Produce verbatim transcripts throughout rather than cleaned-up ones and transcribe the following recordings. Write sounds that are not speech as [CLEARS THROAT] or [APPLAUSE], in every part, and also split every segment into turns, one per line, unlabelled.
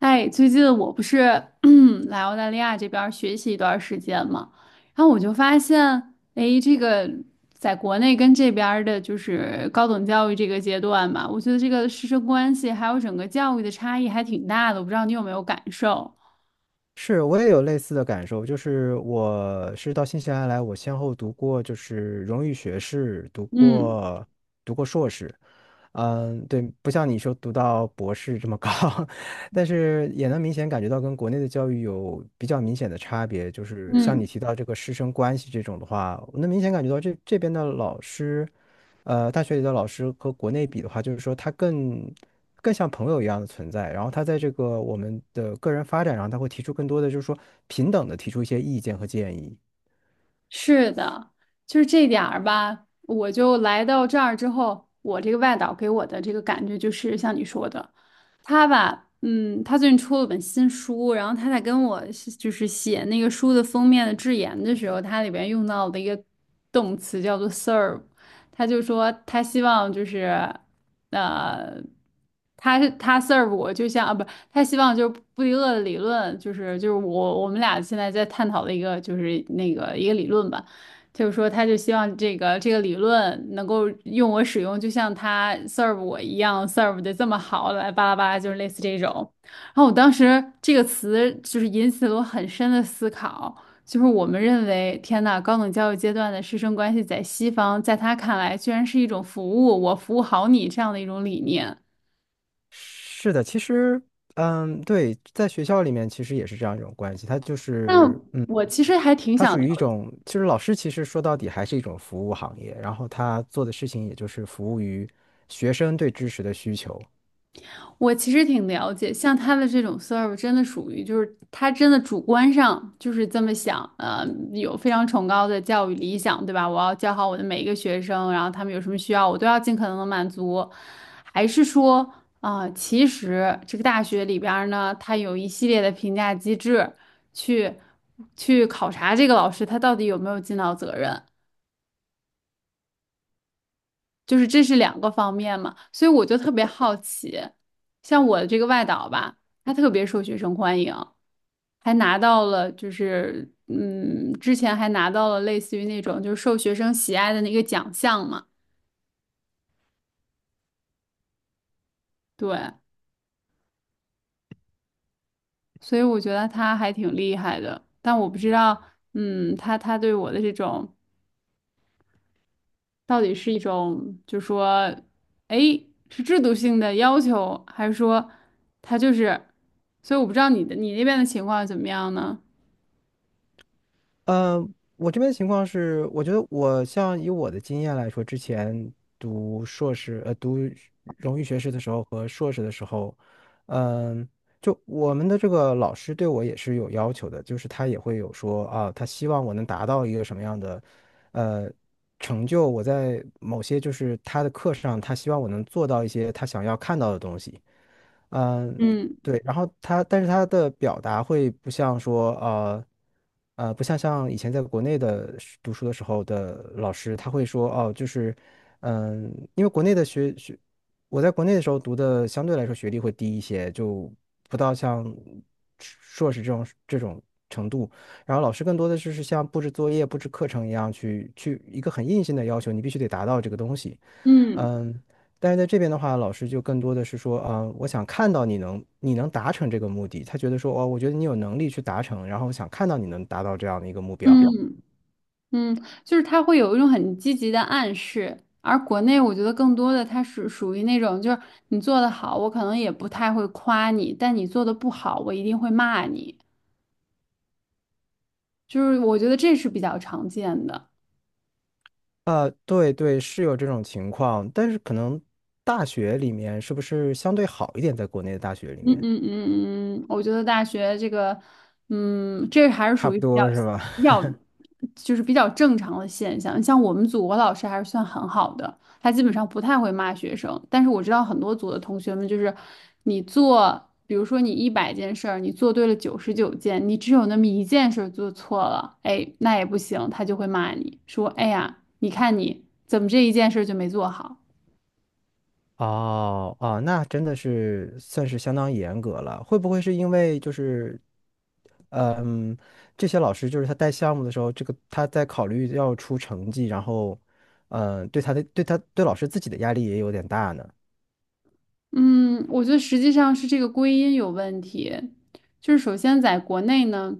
哎，最近我不是 [CLEARS THROAT] 来澳大利亚这边儿学习一段儿时间嘛，然后我就发现，哎，这个在国内跟这边儿的就是高等教育这个阶段吧，我觉得这个师生关系还有整个教育的差异还挺大的，我不知道你有没有感受？
是，我也有类似的感受，就是我是到新西兰来，我先后读过就是荣誉学士，读
嗯
过读过硕士，嗯，对，不像你说读到博士这么高，[LAUGHS] 但是也能明显感觉到跟国内的教育有比较明显的差别，就是像你
嗯，
提到这个师生关系这种的话，我能明显感觉到这这边的老师，呃，大学里的老师和国内比的话，就是说他更更像朋友一样的存在。然后他在这个我们的个人发展上，他会提出更多的，就是说平等的提出一些意见和建议。
是的，就是这点儿吧。我就来到这儿之后，我这个外导给我的这个感觉就是像你说的。他吧，嗯，他最近出了本新书，然后他在跟我是就是写那个书的封面的致言的时候，他里边用到的一个动词叫做 serve，他就说他希望就是，呃，他是他 serve 我，就像啊不，他希望就是布迪厄的理论，就是就是我我们俩现在在探讨的一个就是那个一个理论吧。就是说，他就希望这个这个理论能够用我使用，就像他 serve 我一样 serve 的这么好，来巴拉巴拉，就是类似这种。然后我当时这个词就是引起了我很深的思考，就是我们认为，天呐，高等教育阶段的师生关系在西方，在他看来居然是一种服务，我服务好你这样的一种理念。
是的，其实，嗯，对，在学校里面其实也是这样一种关系，他就
但
是，嗯，
我其实还挺
他
想
属
了
于一种，其实老师其实说到底还是一种服务行业，然后他做的事情也就是服务于学生对知识的需求。
我其实挺了解，像他的这种 serve 真的属于就是他真的主观上就是这么想，呃，有非常崇高的教育理想，对吧？我要教好我的每一个学生，然后他们有什么需要，我都要尽可能的满足。还是说啊、其实这个大学里边儿呢，它有一系列的评价机制去去考察这个老师他到底有没有尽到责任。就是这是两个方面嘛，所以我就特别好奇，像我的这个外导吧，他特别受学生欢迎，还拿到了就是嗯，之前还拿到了类似于那种就是受学生喜爱的那个奖项嘛，对，所以我觉得他还挺厉害的，但我不知道，嗯，他他对我的这种到底是一种就说，哎，是制度性的要求，还是说他就是，所以我不知道你的你那边的情况怎么样呢？
嗯，我这边的情况是，我觉得我像以我的经验来说，之前读硕士，呃，读荣誉学士的时候和硕士的时候，嗯、就我们的这个老师对我也是有要求的，就是他也会有说啊，他希望我能达到一个什么样的，呃，成就，我在某些就是他的课上，他希望我能做到一些他想要看到的东西。嗯，
嗯
对，然后他，但是他的表达会不像说，呃，呃，不像像以前在国内的是读书的时候的老师，他会说，哦，就是，嗯，因为国内的学学，我在国内的时候读的相对来说学历会低一些，就不到像硕士这种这种程度。然后老师更多的就是像布置作业、布置课程一样去去一个很硬性的要求，你必须得达到这个东西。
嗯
嗯，但是在这边的话，老师就更多的是说，啊、我想看到你能你能达成这个目的，他觉得说，哦，我觉得你有能力去达成，然后我想看到你能达到这样的一个目
目
标。
标嗯嗯，就是他会有一种很积极的暗示，而国内我觉得更多的他是属于那种，就是你做的好，我可能也不太会夸你，但你做的不好，我一定会骂你，就是我觉得这是比较常见的。
啊、对对，是有这种情况，但是可能大学里面是不是相对好一点，在国内的大学里
嗯
面，
嗯嗯嗯，嗯我觉得大学这个，嗯，这还是
差
属
不
于比较
多是吧？
比较，就是比较正常的现象。像我们组，我老师还是算很好的，他基本上不太会骂学生。但是我知道很多组的同学们，就是你做，比如说你一百件事儿，你做对了九十九件，你只有那么一件事儿做错了，哎，那也不行，他就会骂你说，哎呀，你看你怎么这一件事儿就没做好。
哦哦，那真的是算是相当严格了。会不会是因为就是，嗯，这些老师就是他带项目的时候，这个他在考虑要出成绩，然后，嗯，对他的对他对老师自己的压力也有点大呢。
嗯，我觉得实际上是这个归因有问题。就是首先在国内呢，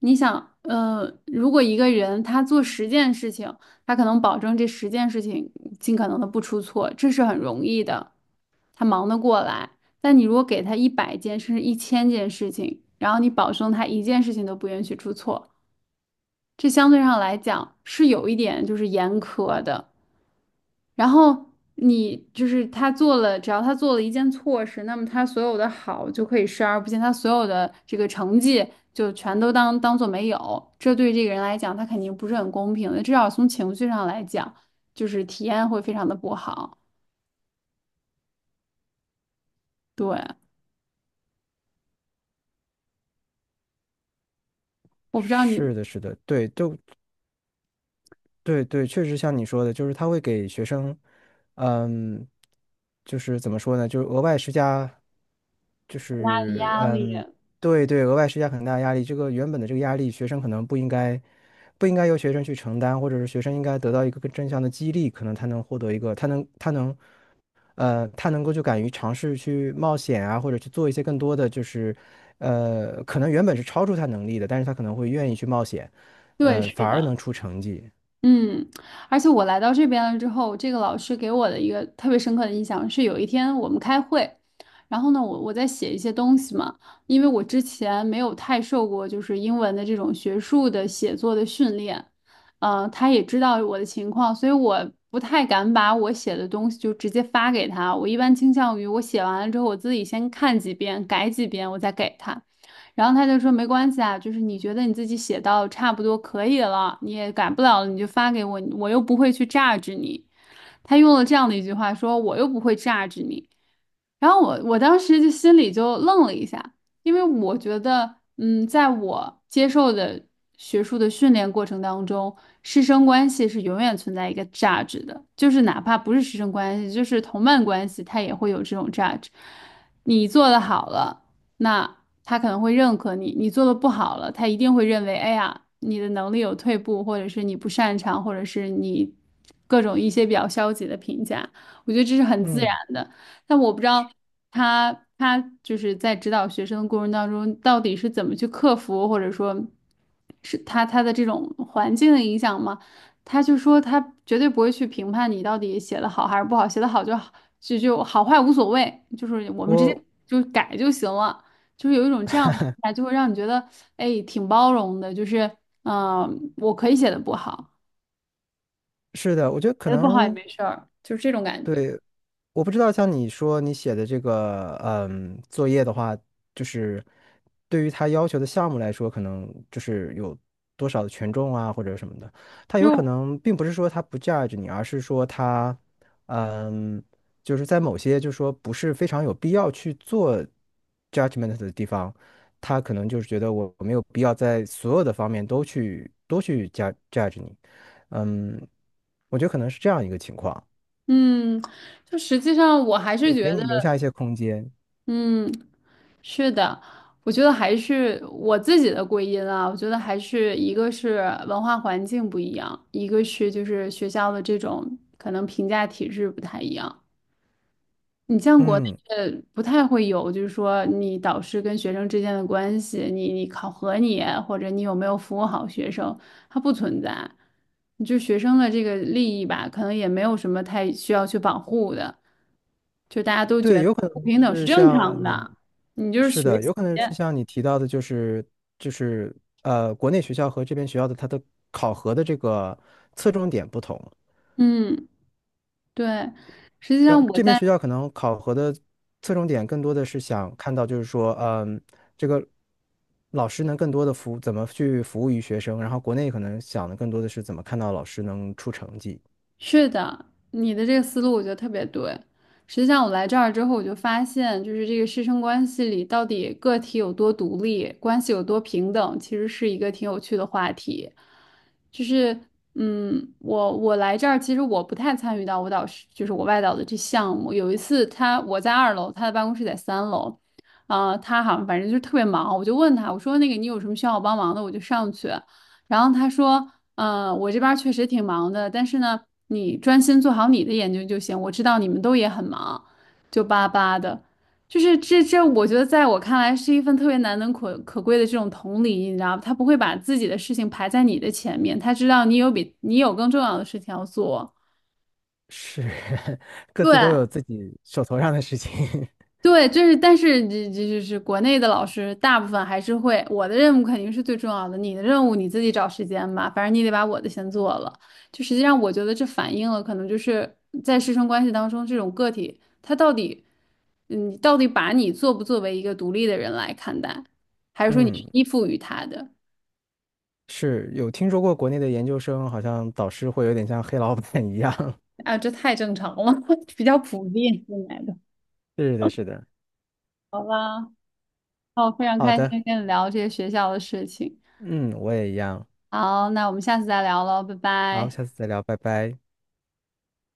你想，呃，如果一个人他做十件事情，他可能保证这十件事情尽可能的不出错，这是很容易的，他忙得过来。但你如果给他一百件甚至一千件事情，然后你保证他一件事情都不允许出错，这相对上来讲是有一点就是严苛的。然后你就是他做了，只要他做了一件错事，那么他所有的好就可以视而不见，他所有的这个成绩就全都当当做没有。这对这个人来讲，他肯定不是很公平的，至少从情绪上来讲，就是体验会非常的不好。对，我不知道
是
你
的，是的，对，就对对，确实像你说的，就是他会给学生，嗯，就是怎么说呢，就是额外施加，就
大的
是
压力，
嗯，对对，额外施加很大压力。这个原本的这个压力，学生可能不应该，不应该由学生去承担，或者是学生应该得到一个更正向的激励，可能他能获得一个，他能他能，呃，他能够就敢于尝试去冒险啊，或者去做一些更多的，就是呃，可能原本是超出他能力的，但是他可能会愿意去冒险，
对，
呃，反
是
而
的。
能出成绩。
嗯，而且我来到这边了之后，这个老师给我的一个特别深刻的印象是，有一天我们开会，然后呢，我我在写一些东西嘛，因为我之前没有太受过就是英文的这种学术的写作的训练，嗯、他也知道我的情况，所以我不太敢把我写的东西就直接发给他，我一般倾向于我写完了之后，我自己先看几遍，改几遍，我再给他。然后他就说没关系啊，就是你觉得你自己写到差不多可以了，你也改不了了，你就发给我，我又不会去榨制你。他用了这样的一句话说，我又不会榨制你。然后我我当时就心里就愣了一下，因为我觉得，嗯，在我接受的学术的训练过程当中，师生关系是永远存在一个价值的，就是哪怕不是师生关系，就是同伴关系，它也会有这种价值。你做的好了，那他可能会认可你；你做的不好了，他一定会认为，哎呀，你的能力有退步，或者是你不擅长，或者是你各种一些比较消极的评价。我觉得这是很自然
嗯。
的。但我不知道他他就是在指导学生的过程当中，到底是怎么去克服，或者说是他他的这种环境的影响吗？他就说他绝对不会去评判你到底写的好还是不好，写的好就好，就就好坏无所谓，就是我们直接
我
就改就行了，就是有一种这样的状态就会让你觉得哎挺包容的，就是嗯、呃我可以写的不好，
是的，我觉得可
写的不好也
能，
没事儿，就是这种感觉。
我不知道，像你说你写的这个，嗯，作业的话，就是对于他要求的项目来说，可能就是有多少的权重啊，或者什么的。他有可
就
能并不是说他不 judge 你，而是说他，嗯，就是在某些就是说不是非常有必要去做 judgment 的地方，他可能就是觉得我我没有必要在所有的方面都去都去 judge judge 你，嗯，我觉得可能是这样一个情况，
嗯，就实际上我还是
就
觉
给
得。
你留下一些空间。
嗯，是的，我觉得还是我自己的归因啊。我觉得还是一个是文化环境不一样，一个是就是学校的这种可能评价体制不太一样。你像国内
嗯，
的不太会有，就是说你导师跟学生之间的关系，你你考核你或者你有没有服务好学生，它不存在。就学生的这个利益吧，可能也没有什么太需要去保护的，就大家都
对，
觉得
有可
不
能
平等是
是
正
像
常
你，
的。
是
学
的，
习，
有可能是像你提到的，就是就是呃，国内学校和这边学校的它的考核的这个侧重点不同。
嗯，对。实际
要
上我
这边
在
学校可能考核的侧重点更多的是想看到，就是说，嗯，这个老师能更多的服怎么去服务于学生，然后国内可能想的更多的是怎么看到老师能出成绩，
是的，你的这个思路我觉得特别对。实际上，我来这儿之后，我就发现，就是这个师生关系里到底个体有多独立，关系有多平等，其实是一个挺有趣的话题。就是，嗯，我我来这儿，其实我不太参与到舞蹈师，就是我外导的这项目。有一次他，我在二楼，他的办公室在三楼，啊、他好像反正就是特别忙，我就问他，我说那个你有什么需要我帮忙的，我就上去。然后他说，嗯，我这边儿确实挺忙的，但是呢，你专心做好你的研究就行。我知道你们都也很忙，就巴巴的，就是这这，我觉得在我看来是一份特别难能可可贵的这种同理，你知道吧？他不会把自己的事情排在你的前面，他知道你有比你有更重要的事情要做。
是 [LAUGHS] 各
对，
自都有自己手头上的事情。[LAUGHS]
对，就是，但是这这就是国内的老师，大部分还是会。我的任务肯定是最重要的，你的任务你自己找时间吧，反正你得把我的先做了。就实际上，我觉得这反映了可能就是在师生关系当中，这种个体他到底，嗯，到底把你作不作为一个独立的人来看待，还是说你是
嗯。
依附于他的？
是有听说过国内的研究生，好像导师会有点像黑老板一样。[LAUGHS]
啊，这太正常了，[LAUGHS] 比较普遍现在的。
是的，是的。
好吧，哦，非常
好
开心
的，
跟你聊这些学校的事情。
嗯，我也一样。
好，那我们下次再聊喽，拜
好，
拜。
下次再聊，拜拜。